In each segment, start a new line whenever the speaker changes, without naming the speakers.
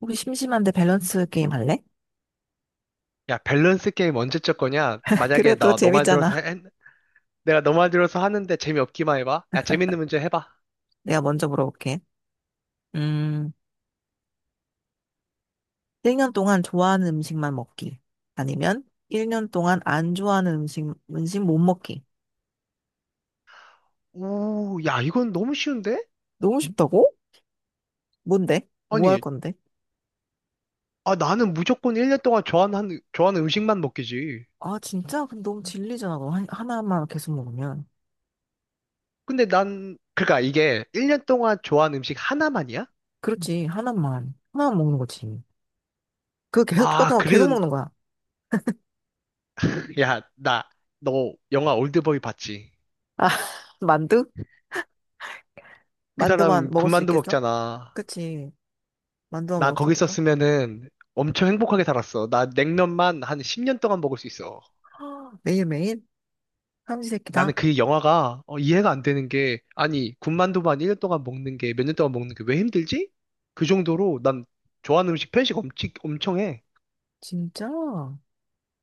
우리 심심한데 밸런스 게임 할래?
야, 밸런스 게임 언제 쳤 거냐? 만약에
그래도
나 너 말 들어서
재밌잖아.
해- 내가 너 말 들어서 하는데 재미없기만 해봐. 야, 재밌는 문제 해봐.
내가 먼저 물어볼게. 음, 1년 동안 좋아하는 음식만 먹기. 아니면 1년 동안 안 좋아하는 음식 못 먹기.
오, 야, 이건 너무 쉬운데?
너무 쉽다고? 뭔데? 뭐 할
아니,
건데?
아, 나는 무조건 1년 동안 좋아하는 음식만 먹기지.
아, 진짜? 근데 너무 질리잖아. 그거 하나만 계속 먹으면.
근데 난, 그러니까 이게 1년 동안 좋아하는 음식 하나만이야?
그렇지, 하나만. 하나만 먹는 거지. 그거 계속
아,
똑같은 거 계속
그래도,
먹는 거야.
야, 나, 너 영화 올드보이 봤지?
아, 만두?
그 사람
만두만 먹을 수
군만두
있겠어?
먹잖아.
그치. 만두만
나
먹을 수
거기
있겠어?
있었으면은 엄청 행복하게 살았어. 나 냉면만 한 10년 동안 먹을 수 있어.
매일매일?
나는
삼시세끼다.
그 영화가 이해가 안 되는 게 아니 군만두만 1년 동안 먹는 게 몇 년 동안 먹는 게 왜 힘들지? 그 정도로 난 좋아하는 음식 편식 엄청 엄청 해.
진짜?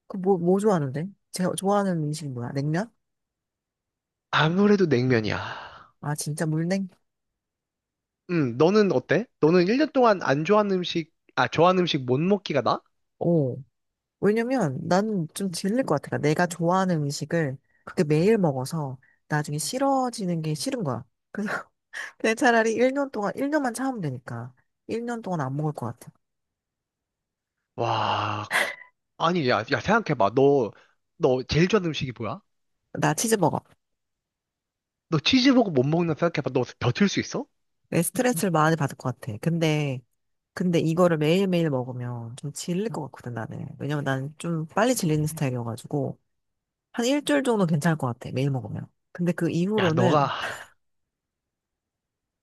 그 뭐 좋아하는데? 제가 좋아하는 음식이 뭐야? 냉면?
아무래도 냉면이야.
아, 진짜 물냉?
너는 어때? 너는 1년 동안 안 좋아하는 음식 아 좋아하는 음식 못 먹기가 나?
오. 왜냐면 나는 좀 질릴 것 같아. 내가 좋아하는 음식을 그렇게 매일 먹어서 나중에 싫어지는 게 싫은 거야. 그래서 그냥 차라리 1년 동안, 1년만 참으면 되니까. 1년 동안 안 먹을 것 같아.
와 아니 야, 야 생각해봐 너 너 제일 좋아하는 음식이 뭐야?
나 치즈버거.
너 치즈버거 못 먹는다 생각해봐 너 버틸 수 있어?
내 스트레스를 많이 받을 것 같아. 근데 이거를 매일매일 먹으면 좀 질릴 것 같거든, 나는. 왜냐면 나는 좀 빨리 질리는 스타일이어가지고. 한 일주일 정도 괜찮을 것 같아. 매일 먹으면. 근데 그
야
이후로는
너가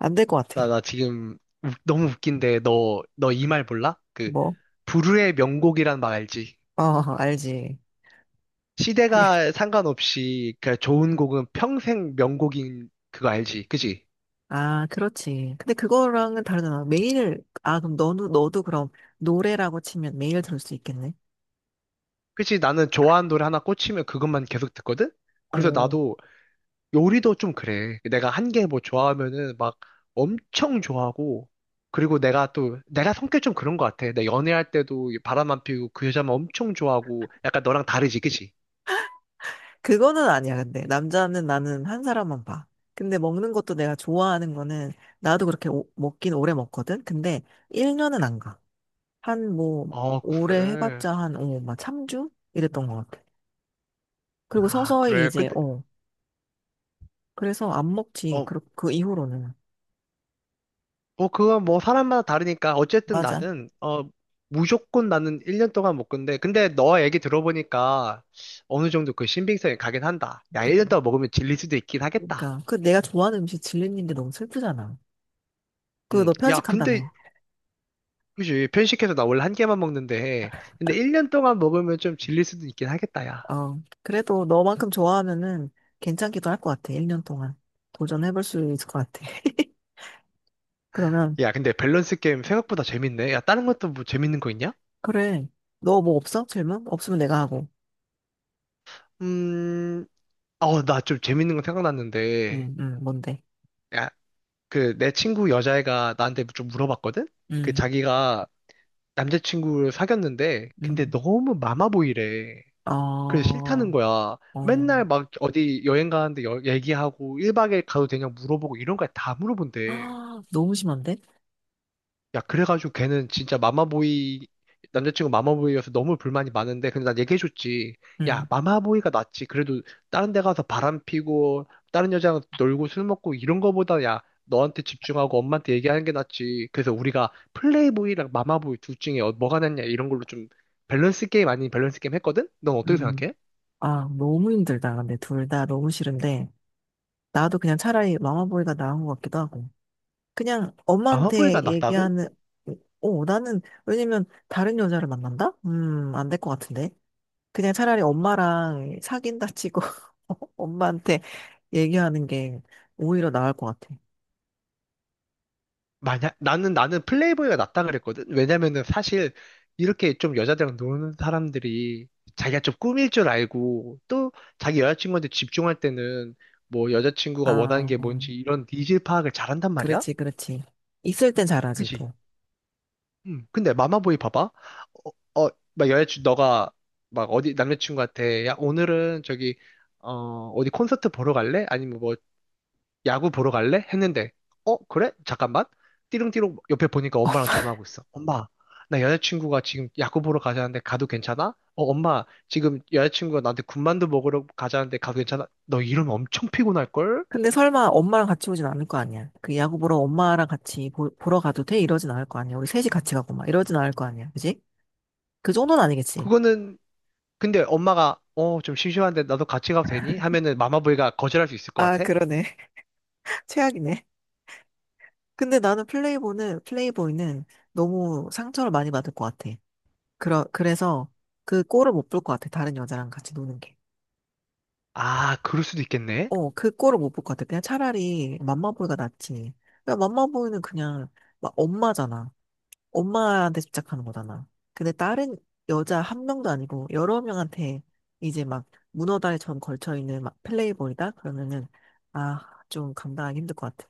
안 될 것 같아.
나 지금 웃- 너무 웃긴데 너 이 말 몰라? 그,
뭐?
불후의 명곡이란 말 알지?
어, 알지.
시대가 상관없이 그 좋은 곡은 평생 명곡인 그거 알지? 그지?
아, 그렇지. 근데 그거랑은 다르잖아. 아, 그럼 너도 그럼 노래라고 치면 매일 들을 수 있겠네?
그치? 나는 좋아하는 노래 하나 꽂히면 그것만 계속 듣거든? 그래서
어,
나도 요리도 좀 그래. 내가 한 개 뭐 좋아하면은 막 엄청 좋아하고 그리고 내가 성격 좀 그런 것 같아. 내 연애할 때도 바람만 피우고 그 여자만 엄청 좋아하고 약간 너랑 다르지, 그치?
그거는 아니야, 근데. 남자는 나는 한 사람만 봐. 근데 먹는 것도 내가 좋아하는 거는, 나도 그렇게 먹긴 오래 먹거든? 근데 1년은 안 가. 한 뭐,
어,
오래
그래.
해봤자 한, 막 3주? 이랬던 것 같아. 그리고
아,
서서히
그래.
이제,
근데,
그래서 안 먹지.
어,
그 이후로는.
뭐 그건 뭐 사람마다 다르니까 어쨌든
맞아.
나는 무조건 나는 1년 동안 못 근데 너 얘기 들어보니까 어느 정도 그 신빙성이 가긴 한다. 야,
그,
1년 동안 먹으면 질릴 수도 있긴 하겠다.
그러니까 그 내가 좋아하는 음식 질리는 게 너무 슬프잖아. 그
음.
너
야, 근데
편식한다며.
그지 편식해서 나 원래 한 개만 먹는데 근데 1년 동안 먹으면 좀 질릴 수도 있긴 하겠다, 야.
어, 그래도 너만큼 좋아하면은 괜찮기도 할 것 같아. 1년 동안 도전해볼 수 있을 것 같아. 그러면
야, 근데 밸런스 게임 생각보다 재밌네. 야, 다른 것도 뭐 재밌는 거 있냐?
그래. 너 뭐 없어? 질문? 없으면 내가 하고.
음. 어, 나 좀 재밌는 거 생각났는데.
뭔데?
야, 그 내 친구 여자애가 나한테 좀 물어봤거든? 그
음,
자기가 남자친구를 사귀었는데, 근데
음.
너무 마마보이래. 그래서
어,
싫다는 거야.
어.
맨날 막 어디 여행 가는데 여- 얘기하고 1박 에일 가도 되냐 물어보고 이런 거 다 물어본대.
아, 너무 심한데?
야, 그래가지고 걔는 진짜 마마보이, 남자친구 마마보이여서 너무 불만이 많은데, 근데 난 얘기해줬지. 야,
음,
마마보이가 낫지. 그래도 다른 데 가서 바람 피고, 다른 여자랑 놀고 술 먹고 이런 거보다 야, 너한테 집중하고 엄마한테 얘기하는 게 낫지. 그래서 우리가 플레이보이랑 마마보이 둘 중에 어- 뭐가 낫냐 이런 걸로 좀 밸런스 게임 아닌 밸런스 게임 했거든? 넌 어떻게
음.
생각해?
아, 너무 힘들다. 근데 둘 다 너무 싫은데. 나도 그냥 차라리 마마보이가 나은 것 같기도 하고. 그냥 엄마한테
마마보이가 낫다고?
얘기하는, 나는, 왜냐면 다른 여자를 만난다? 안 될 것 같은데. 그냥 차라리 엄마랑 사귄다 치고 엄마한테 얘기하는 게 오히려 나을 것 같아.
만약 나는 플레이보이가 낫다 그랬거든. 왜냐면은 사실 이렇게 좀 여자들이랑 노는 사람들이 자기가 좀 꾸밀 줄 알고 또 자기 여자친구한테 집중할 때는 뭐 여자친구가 원하는
아,
게 뭔지 이런 니즈 파악을 잘한단 말이야.
그렇지, 그렇지. 있을 땐 잘하지,
그지?
또.
음. 근데 마마보이 봐봐. 막 여자친구 너가 막 어디 남자친구한테 야 오늘은 저기 어디 콘서트 보러 갈래? 아니면 뭐 야구 보러 갈래? 했는데, 어, 그래? 잠깐만. 띠릉띠릉 옆에 보니까 엄마랑 전화하고 있어. 엄마, 나 여자친구가 지금 야구 보러 가자는데 가도 괜찮아? 어, 엄마, 지금 여자친구가 나한테 군만두 먹으러 가자는데 가도 괜찮아? 너 이러면 엄청 피곤할걸?
근데 설마 엄마랑 같이 오진 않을 거 아니야. 그 야구 보러 엄마랑 같이 보러 가도 돼? 이러진 않을 거 아니야. 우리 셋이 같이 가고 막 이러진 않을 거 아니야. 그지? 그 정도는 아니겠지.
그거는, 근데 엄마가, 좀 심심한데 나도 같이 가도 되니? 하면은 마마보이가 거절할 수 있을 것
아,
같아?
그러네. 최악이네. 근데 나는 플레이보이는 너무 상처를 많이 받을 것 같아. 그래서 그 꼴을 못 볼 것 같아. 다른 여자랑 같이 노는 게.
아, 그럴 수도 있겠네?
어, 그 꼴을 못 볼 것 같아. 그냥 차라리 맘마보이가 낫지. 그냥 맘마보이는 그냥 막 엄마잖아. 엄마한테 집착하는 거잖아. 근데 다른 여자 한 명도 아니고 여러 명한테 이제 막 문어다리처럼 걸쳐있는 막 플레이보이다? 그러면은, 아, 좀 감당하기 힘들 것 같아.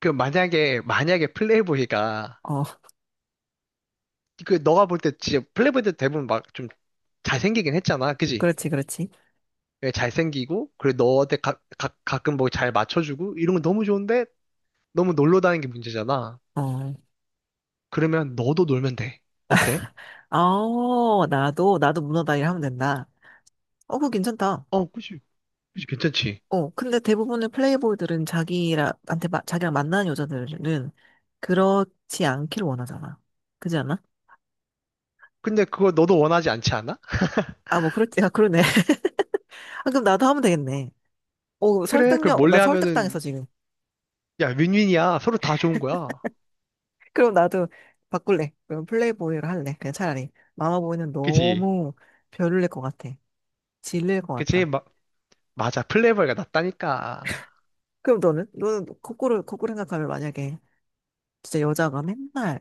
그 만약에 플레이보이가,
어,
그 너가 볼 때 진짜 플레이보이 때 대부분 막 좀 잘생기긴 했잖아. 그지?
그렇지, 그렇지.
예, 잘생기고, 그리고 너한테 가끔 뭐 잘 맞춰주고, 이런 건 너무 좋은데, 너무 놀러 다니는 게 문제잖아.
어.
그러면 너도 놀면 돼. 어때?
어, 나도 문어다이를 하면 된다. 어, 그거 괜찮다.
어, 그치. 그치, 괜찮지.
어, 근데 대부분의 플레이보이들은 자기한테, 라 자기랑 만나는 여자들은 그렇지 않기를 원하잖아. 그지 않아?
근데 그걸 너도 원하지 않지 않아?
아, 뭐, 그렇지. 아, 그러네. 아, 그럼 나도 하면 되겠네. 어,
그래, 그걸
설득력, 나
몰래
설득당했어,
하면은,
지금.
야, 윈윈이야. 서로 다 좋은 거야.
그럼 나도 바꿀래. 그럼 플레이보이를 할래. 그냥 차라리. 마마보이는
그치?
너무 별로일 것 같아. 질릴 것
그치?
같다.
마, 맞아. 플레이보이가 낫다니까.
그럼 너는? 너는 거꾸로 생각하면 만약에 진짜 여자가 맨날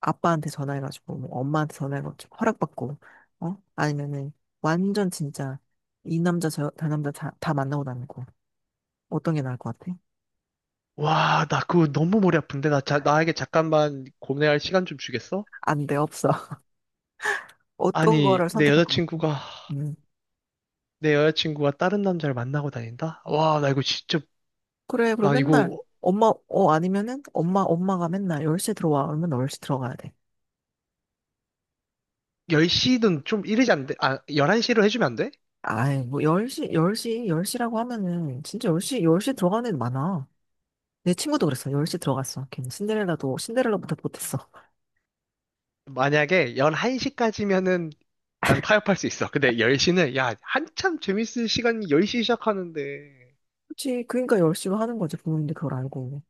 아빠한테 전화해가지고 뭐 엄마한테 전화해가지고 허락받고 아니면은 완전 진짜 이 남자 저 남자 다 만나고 다니고 어떤 게 나을 것 같아?
와, 나 그거 너무 머리 아픈데? 나, 자, 나에게 잠깐만 고민할 시간 좀 주겠어?
안 돼 없어 어떤
아니,
거를 선택할 것 같아? 음
내 여자친구가 다른 남자를 만나고 다닌다? 와, 나 이거 진짜
그래 그리고
나
맨날
이거
엄마 어 아니면은 엄마가 맨날 10시에 들어와 그러면 10시 들어가야 돼?
10시는 좀 이르지 안 돼? 아, 11시로 해주면 안 돼?
아이 뭐 10시 열 시라고 하면은 진짜 10시 열 시 들어가는 애 많아. 내 친구도 그랬어. 10시 들어갔어. 걔는 신데렐라도 신데렐라보다 못했어.
만약에 11시까지면은 난 타협할 수 있어. 근데 10시는 야, 한참 재밌을 시간이 10시 시작하는데.
그치. 그러니까 열심히 하는 거지, 부모님들 그걸 알고.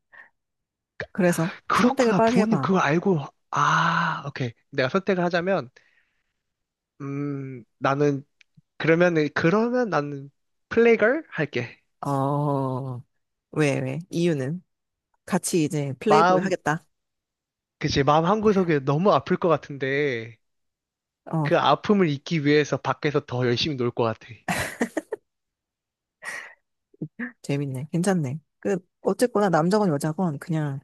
그래서 선택을
그렇구나.
빨리
부모님
해봐.
그거 알고 아, 오케이. 내가 선택을 하자면 나는 그러면 나는 플래걸 할게.
어, 왜? 이유는? 같이 이제 플레이보이
마음
하겠다.
그치 마음 한구석에 너무 아플 것 같은데
어,
그 아픔을 잊기 위해서 밖에서 더 열심히 놀 것 같아.
재밌네. 괜찮네. 그, 어쨌거나 남자건 여자건 그냥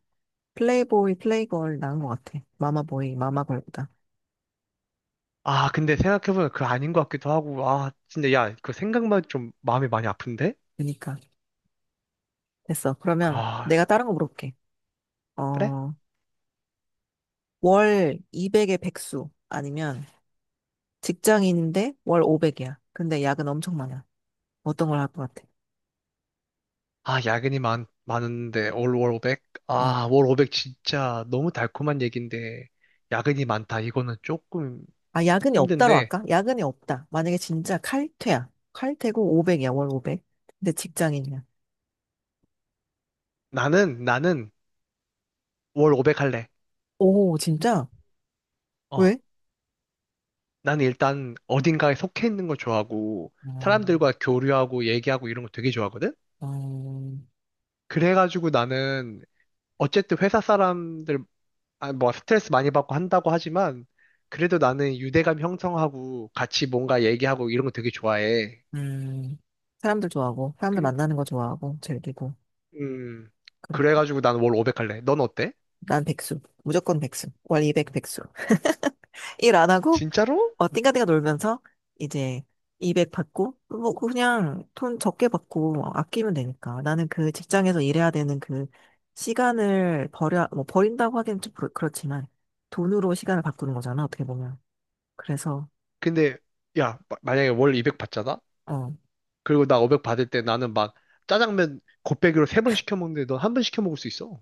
플레이보이, 플레이걸 나은 것 같아. 마마보이, 마마걸보다.
아, 근데 생각해보면 그거 아닌 것 같기도 하고, 아, 진짜, 야, 그 생각만 좀 마음이 많이 아픈데?
그러니까. 됐어. 그러면
아,
내가 다른 거 물어볼게.
그래?
어, 월 200의 백수 아니면 직장인인데 월 500이야. 근데 야근 엄청 많아. 어떤 걸 할 것 같아?
아, 야근이 많은데, 올 월 오백?
어.
아, 월 오백 진짜 너무 달콤한 얘기인데, 야근이 많다. 이거는 조금
아, 야근이 없다로
힘든데,
할까? 야근이 없다. 만약에 진짜 칼퇴야. 칼퇴고 500이야, 월 500. 근데 직장인이야.
나는 월 오백 할래.
오, 진짜?
어,
왜?
나는 일단 어딘가에 속해 있는 걸 좋아하고, 사람들과
음,
교류하고, 얘기하고 이런 거 되게 좋아하거든?
음,
그래가지고 나는, 어쨌든 회사 사람들 아, 뭐 스트레스 많이 받고 한다고 하지만 그래도 나는 유대감 형성하고 같이 뭔가 얘기하고 이런 거 되게 좋아해.
음, 사람들 좋아하고, 사람들
그리
만나는 거 좋아하고, 즐기고,
음
그렇고.
그래가지고 난 월 500 할래. 넌 어때?
난 백수. 무조건 백수. 월 200 백수. 일 안 하고,
진짜로?
띵가띵가 놀면서 이제 200 받고, 뭐, 그냥 돈 적게 받고 아끼면 되니까. 나는 그 직장에서 일해야 되는 그 시간을 버려, 뭐, 버린다고 하기엔 좀 그렇지만, 돈으로 시간을 바꾸는 거잖아, 어떻게 보면. 그래서,
근데 야 마- 만약에 월 200 받잖아?
어.
그리고 나 500 받을 때 나는 막 짜장면 곱빼기로 세 번 시켜 먹는데 넌 한 번 시켜 먹을 수 있어.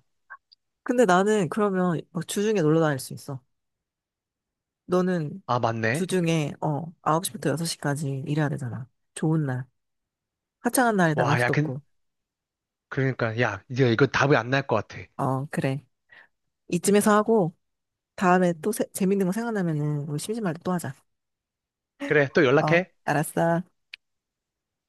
근데 나는 그러면 막 주중에 놀러 다닐 수 있어. 너는
아 맞네.
주중에, 9시부터 6시까지 일해야 되잖아. 좋은 날. 화창한 날에 나갈
와 야
수도
근
없고.
그러니까 야 이제 이거 답이 안 날 것 같아.
어, 그래. 이쯤에서 하고, 다음에 또 재밌는 거 생각나면은 우리 심심할 때 또 하자.
그래 또
어,
연락해.
알았어.